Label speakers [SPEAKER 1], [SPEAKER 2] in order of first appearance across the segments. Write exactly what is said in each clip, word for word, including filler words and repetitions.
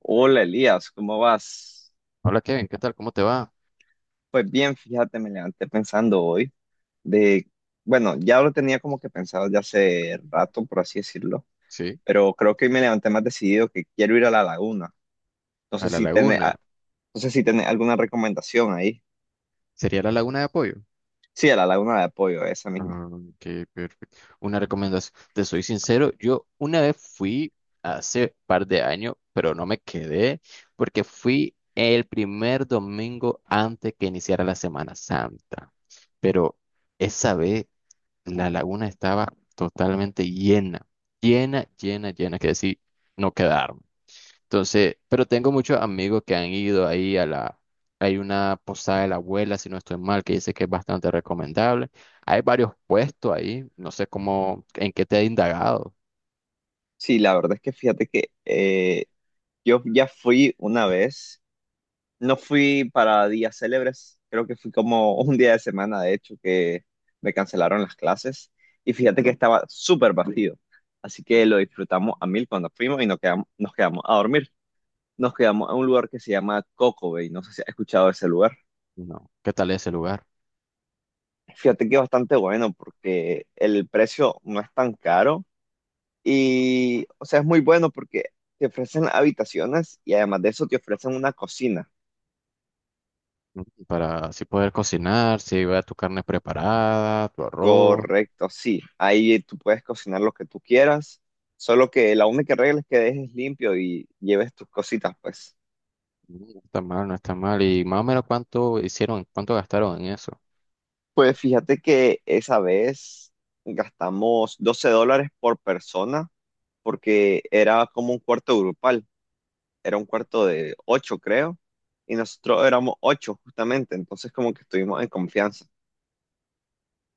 [SPEAKER 1] Hola Elías, ¿cómo vas?
[SPEAKER 2] Hola Kevin, ¿qué tal? ¿Cómo te va?
[SPEAKER 1] Pues bien, fíjate, me levanté pensando hoy de, bueno, ya lo tenía como que pensado ya hace rato, por así decirlo,
[SPEAKER 2] Sí,
[SPEAKER 1] pero creo que hoy me levanté más decidido que quiero ir a la laguna. No
[SPEAKER 2] a
[SPEAKER 1] sé
[SPEAKER 2] la
[SPEAKER 1] si tiene,
[SPEAKER 2] laguna.
[SPEAKER 1] a- no sé si tiene alguna recomendación ahí.
[SPEAKER 2] ¿Sería la laguna de apoyo?
[SPEAKER 1] Sí, a la laguna de apoyo, esa misma.
[SPEAKER 2] Ah, ok, perfecto. Una recomendación. Te soy sincero, yo una vez fui hace par de años, pero no me quedé porque fui el primer domingo antes que iniciara la Semana Santa. Pero esa vez la laguna estaba totalmente llena, llena, llena, llena, que decir, no quedarme. Entonces, pero tengo muchos amigos que han ido ahí a la, hay una posada de la abuela, si no estoy mal, que dice que es bastante recomendable. Hay varios puestos ahí, no sé cómo, en qué te he indagado.
[SPEAKER 1] Sí, la verdad es que fíjate que eh, yo ya fui una vez. No fui para días célebres, creo que fui como un día de semana, de hecho, que me cancelaron las clases y fíjate que estaba súper vacío, así que lo disfrutamos a mil cuando fuimos y nos quedamos, nos quedamos a dormir. Nos quedamos a un lugar que se llama Coco Bay, no sé si has escuchado de ese lugar.
[SPEAKER 2] No, qué tal es ese lugar.
[SPEAKER 1] Fíjate que es bastante bueno porque el precio no es tan caro y, o sea, es muy bueno porque te ofrecen habitaciones y además de eso te ofrecen una cocina.
[SPEAKER 2] Mm, para así poder cocinar, si va tu carne preparada, tu arroz.
[SPEAKER 1] Correcto, sí. Ahí tú puedes cocinar lo que tú quieras, solo que la única regla es que dejes limpio y lleves tus cositas, pues.
[SPEAKER 2] Mm, no está mal, no está mal, y más o menos cuánto hicieron, cuánto gastaron en eso.
[SPEAKER 1] Pues fíjate que esa vez gastamos doce dólares por persona porque era como un cuarto grupal, era un cuarto de ocho, creo, y nosotros éramos ocho justamente, entonces como que estuvimos en confianza.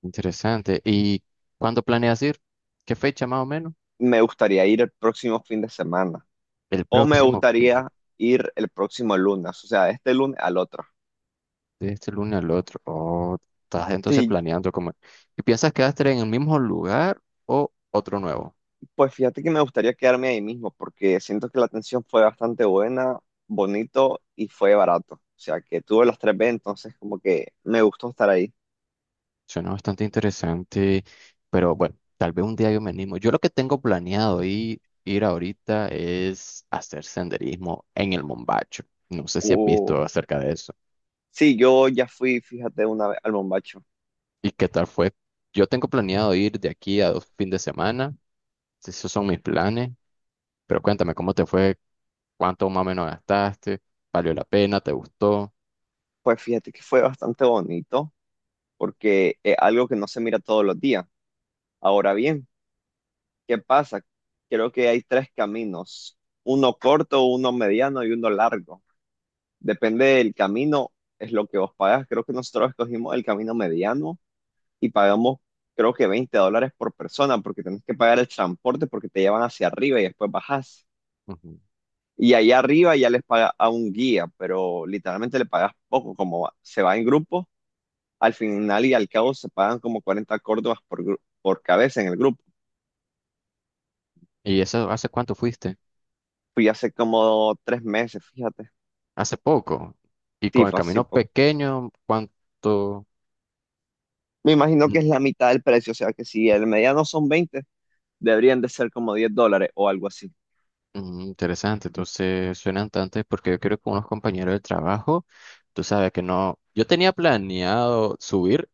[SPEAKER 2] Interesante. ¿Y cuándo planeas ir? ¿Qué fecha más o menos?
[SPEAKER 1] Me gustaría ir el próximo fin de semana
[SPEAKER 2] El
[SPEAKER 1] o me
[SPEAKER 2] próximo fin de.
[SPEAKER 1] gustaría ir el próximo lunes, o sea, este lunes al otro.
[SPEAKER 2] De este lunes al otro. Oh, estás entonces
[SPEAKER 1] Sí.
[SPEAKER 2] planeando como... ¿Y piensas quedarte en el mismo lugar o otro nuevo?
[SPEAKER 1] Pues fíjate que me gustaría quedarme ahí mismo porque siento que la atención fue bastante buena, bonito y fue barato. O sea, que tuve las tres B, entonces como que me gustó estar ahí.
[SPEAKER 2] Suena bastante interesante, pero bueno, tal vez un día yo me animo. Yo lo que tengo planeado ir, ir ahorita es hacer senderismo en el Mombacho. No sé si has
[SPEAKER 1] Uh,
[SPEAKER 2] visto acerca de eso.
[SPEAKER 1] sí, yo ya fui, fíjate, una vez al Bombacho.
[SPEAKER 2] ¿Y qué tal fue? Yo tengo planeado ir de aquí a dos fines de semana. Esos son mis planes. Pero cuéntame, ¿cómo te fue? ¿Cuánto más o menos gastaste? ¿Valió la pena? ¿Te gustó?
[SPEAKER 1] Pues fíjate que fue bastante bonito porque es algo que no se mira todos los días. Ahora bien, ¿qué pasa? Creo que hay tres caminos, uno corto, uno mediano y uno largo. Depende del camino, es lo que vos pagas. Creo que nosotros escogimos el camino mediano y pagamos creo que veinte dólares por persona porque tenés que pagar el transporte porque te llevan hacia arriba y después bajás.
[SPEAKER 2] Ujú.
[SPEAKER 1] Y allá arriba ya les paga a un guía, pero literalmente le pagas poco, como va- se va en grupo, al final y al cabo se pagan como cuarenta córdobas por, gru- por cabeza en el grupo.
[SPEAKER 2] ¿Y eso hace cuánto fuiste?
[SPEAKER 1] Fui hace como tres meses, fíjate.
[SPEAKER 2] Hace poco. Y
[SPEAKER 1] Sí,
[SPEAKER 2] con el
[SPEAKER 1] fue así
[SPEAKER 2] camino
[SPEAKER 1] poco.
[SPEAKER 2] pequeño, ¿cuánto?
[SPEAKER 1] Me imagino
[SPEAKER 2] Mm,
[SPEAKER 1] que es la mitad del precio, o sea que si el mediano son veinte, deberían de ser como diez dólares o algo así.
[SPEAKER 2] mm, interesante. Entonces, suenan tantos porque yo quiero con unos compañeros del trabajo. Tú sabes que no. Yo tenía planeado subir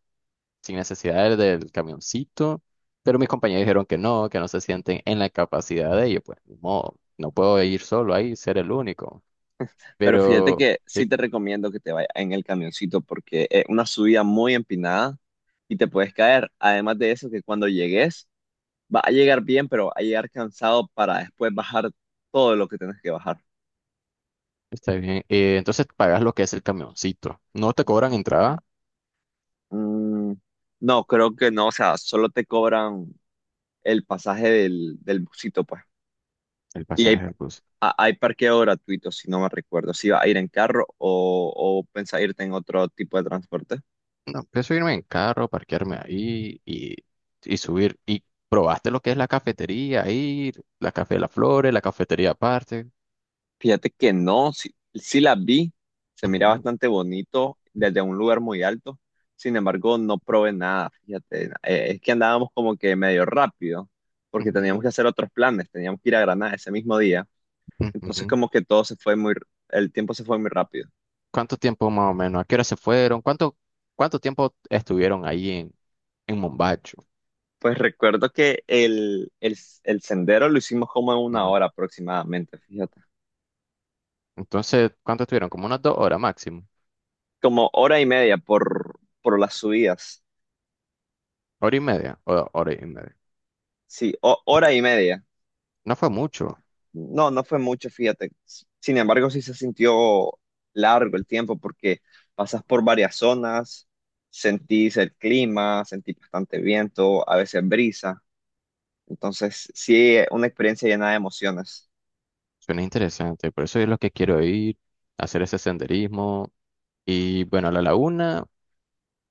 [SPEAKER 2] sin necesidad del, del camioncito, pero mis compañeros dijeron que no, que no se sienten en la capacidad de ellos. Pues, ni modo, no puedo ir solo ahí, ser el único.
[SPEAKER 1] Pero fíjate
[SPEAKER 2] Pero,
[SPEAKER 1] que sí
[SPEAKER 2] sí,
[SPEAKER 1] te recomiendo que te vayas en el camioncito porque es una subida muy empinada y te puedes caer. Además de eso, que cuando llegues, vas a llegar bien, pero vas a llegar cansado para después bajar todo lo que tienes que bajar.
[SPEAKER 2] está bien. Eh, entonces, pagas lo que es el camioncito. No te cobran entrada.
[SPEAKER 1] Mm, no, creo que no. O sea, solo te cobran el pasaje del, del busito, pues.
[SPEAKER 2] El
[SPEAKER 1] Y hay,
[SPEAKER 2] pasaje del bus.
[SPEAKER 1] a- hay parqueo gratuito, si no me recuerdo. Si vas a ir en carro o, o pensás irte en otro tipo de transporte.
[SPEAKER 2] No, pienso irme en carro, parquearme ahí y, y subir. ¿Y probaste lo que es la cafetería ahí, la Café de las Flores, la cafetería aparte?
[SPEAKER 1] Fíjate que no, sí, sí la vi, se mira
[SPEAKER 2] Ujú,
[SPEAKER 1] bastante bonito desde un lugar muy alto, sin embargo no probé nada, fíjate, Eh, es que andábamos como que medio rápido, porque teníamos que
[SPEAKER 2] ujú,
[SPEAKER 1] hacer otros planes, teníamos que ir a Granada ese mismo día, entonces
[SPEAKER 2] ujú.
[SPEAKER 1] como que todo se fue muy, r- el tiempo se fue muy rápido.
[SPEAKER 2] ¿Cuánto tiempo más o menos? ¿A qué hora se fueron? ¿Cuánto, cuánto tiempo estuvieron ahí en, en Mombacho?
[SPEAKER 1] Pues recuerdo que el, el, el sendero lo hicimos como en una
[SPEAKER 2] Ujú.
[SPEAKER 1] hora aproximadamente, fíjate,
[SPEAKER 2] Entonces, ¿cuánto estuvieron? Como unas dos horas máximo.
[SPEAKER 1] como hora y media por, por las subidas,
[SPEAKER 2] Hora y media, o- hora y media.
[SPEAKER 1] sí, ho- hora y media.
[SPEAKER 2] No fue mucho.
[SPEAKER 1] No, no fue mucho, fíjate. Sin embargo, sí se sintió largo el tiempo porque pasas por varias zonas, sentís el clima, sentís bastante viento, a veces brisa. Entonces, sí, una experiencia llena de emociones.
[SPEAKER 2] Suena interesante. Por eso es lo que quiero ir, hacer ese senderismo. Y bueno, a la laguna.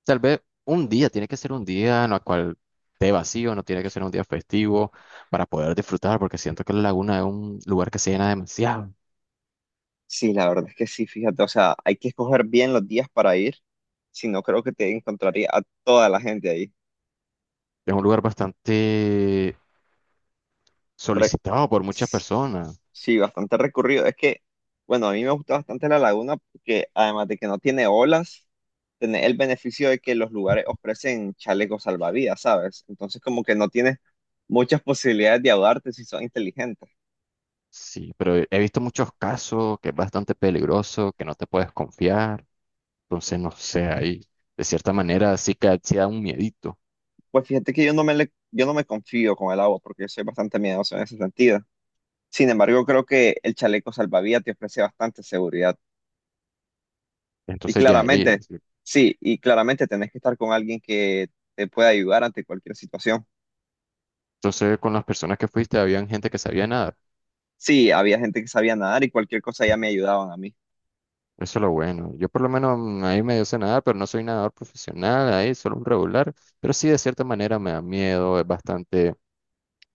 [SPEAKER 2] Tal vez un día, tiene que ser un día en el cual esté vacío, no tiene que ser un día festivo para poder disfrutar, porque siento que la laguna es un lugar que se llena demasiado.
[SPEAKER 1] Sí, la verdad es que sí, fíjate. O sea, hay que escoger bien los días para ir, si no creo que te encontraría a toda la gente ahí.
[SPEAKER 2] Es un lugar bastante
[SPEAKER 1] Re-
[SPEAKER 2] solicitado por muchas personas.
[SPEAKER 1] Sí, bastante recorrido. Es que, bueno, a mí me gusta bastante la laguna porque además de que no tiene olas, tiene el beneficio de que los lugares ofrecen chalecos salvavidas, ¿sabes? Entonces como que no tienes muchas posibilidades de ahogarte si son inteligentes.
[SPEAKER 2] Sí, pero he he visto muchos casos que es bastante peligroso, que no te puedes confiar. Entonces, no sé, ahí de cierta manera sí que sí da un miedito.
[SPEAKER 1] Pues fíjate que yo no me, le- yo no me confío con el agua porque yo soy bastante miedoso en ese sentido. Sin embargo, creo que el chaleco salvavidas te ofrece bastante seguridad. Y
[SPEAKER 2] Entonces, ya ahí.
[SPEAKER 1] claramente, sí, y claramente tenés que estar con alguien que te pueda ayudar ante cualquier situación.
[SPEAKER 2] Entonces, con las personas que fuiste, habían gente que sabía nada.
[SPEAKER 1] Sí, había gente que sabía nadar y cualquier cosa ya me ayudaban a mí.
[SPEAKER 2] Eso es lo bueno. Yo por lo menos mm, ahí medio sé nadar, pero no soy nadador profesional, ahí solo un regular. Pero sí, de cierta manera me da miedo, es bastante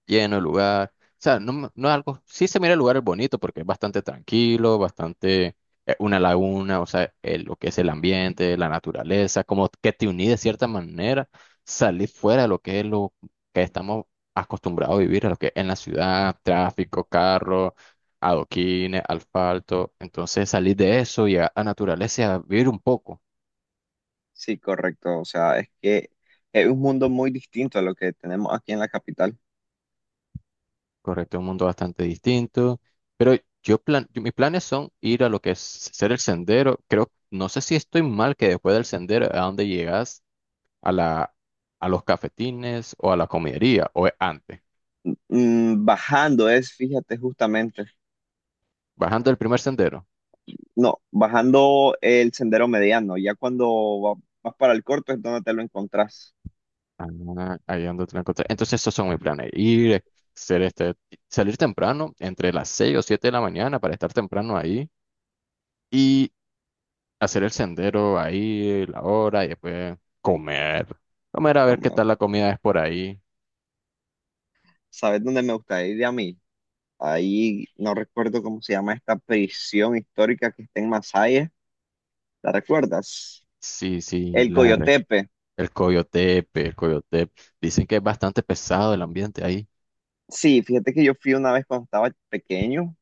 [SPEAKER 2] lleno el lugar. O sea, no, m- no es algo, sí se mira el lugar es bonito porque es bastante tranquilo, bastante eh, una laguna, o sea, el- lo que es el ambiente, la naturaleza, como que te uní de cierta manera, salir fuera de lo que es lo que estamos acostumbrados a vivir, a lo que es en la ciudad, tráfico, carro, adoquines, asfalto. Entonces salir de eso y a, a naturaleza y a vivir un poco.
[SPEAKER 1] Sí, correcto. O sea, es que es un mundo muy distinto a lo que tenemos aquí en la capital.
[SPEAKER 2] Correcto, un mundo bastante distinto. Pero yo plan, yo- mis planes son ir a lo que es ser el sendero. Creo, no sé si estoy mal que después del sendero a dónde llegas a la, a los cafetines o a la comidería o es antes,
[SPEAKER 1] Mm, bajando es, fíjate, justamente.
[SPEAKER 2] bajando el primer sendero.
[SPEAKER 1] No, bajando el sendero mediano. Ya cuando va- vas para el corto es donde te lo encontrás.
[SPEAKER 2] Ah, ahí ando te la encontré. Entonces esos son mis planes. Ir, eh, ser este, salir temprano entre las seis o siete de la mañana para estar temprano ahí y hacer el sendero ahí, la hora y después comer. Comer a ver qué
[SPEAKER 1] Como,
[SPEAKER 2] tal la comida es por ahí.
[SPEAKER 1] ¿sabes dónde me gusta ir a mí? Ahí no recuerdo cómo se llama esta prisión histórica que está en Masaya. ¿La recuerdas?
[SPEAKER 2] Sí, sí,
[SPEAKER 1] El
[SPEAKER 2] la, re-
[SPEAKER 1] Coyotepe.
[SPEAKER 2] el Coyotepe, el Coyotepe. Dicen que es bastante pesado el ambiente ahí.
[SPEAKER 1] Sí, fíjate que yo fui una vez cuando estaba pequeño.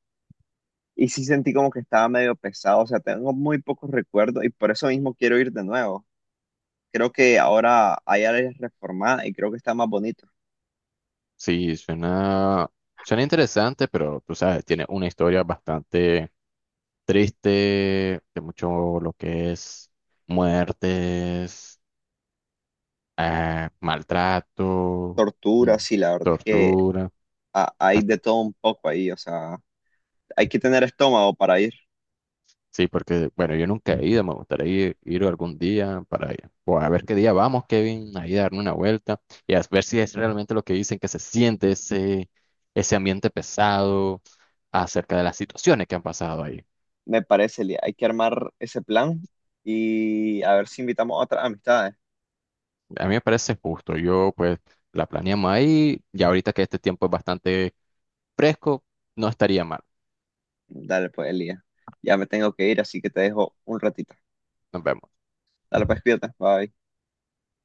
[SPEAKER 1] Y sí sentí como que estaba medio pesado, o sea, tengo muy pocos recuerdos y por eso mismo quiero ir de nuevo. Creo que ahora hay áreas reformadas y creo que está más bonito.
[SPEAKER 2] Sí, suena, suena interesante, pero tú sabes, tiene una historia bastante triste, de mucho lo que es muertes, eh, maltrato, mm,
[SPEAKER 1] Tortura, sí, la verdad es que
[SPEAKER 2] tortura.
[SPEAKER 1] ha- hay de todo un poco ahí, o sea, hay que tener estómago para ir,
[SPEAKER 2] Sí, porque, bueno, yo nunca he ido, me gustaría ir, ir algún día para. O a ver qué día vamos, Kevin, ahí darme una vuelta y a ver si es realmente lo que dicen que se siente ese, ese ambiente pesado acerca de las situaciones que han pasado ahí.
[SPEAKER 1] me parece, Lía. Hay que armar ese plan y a ver si invitamos a otras amistades.
[SPEAKER 2] A mí me parece justo, yo pues la planeamos ahí y ahorita que este tiempo es bastante fresco, no estaría mal.
[SPEAKER 1] Dale, pues, Elías. Ya me tengo que ir, así que te dejo un ratito.
[SPEAKER 2] Nos vemos.
[SPEAKER 1] Dale, pues, cuídate. Bye.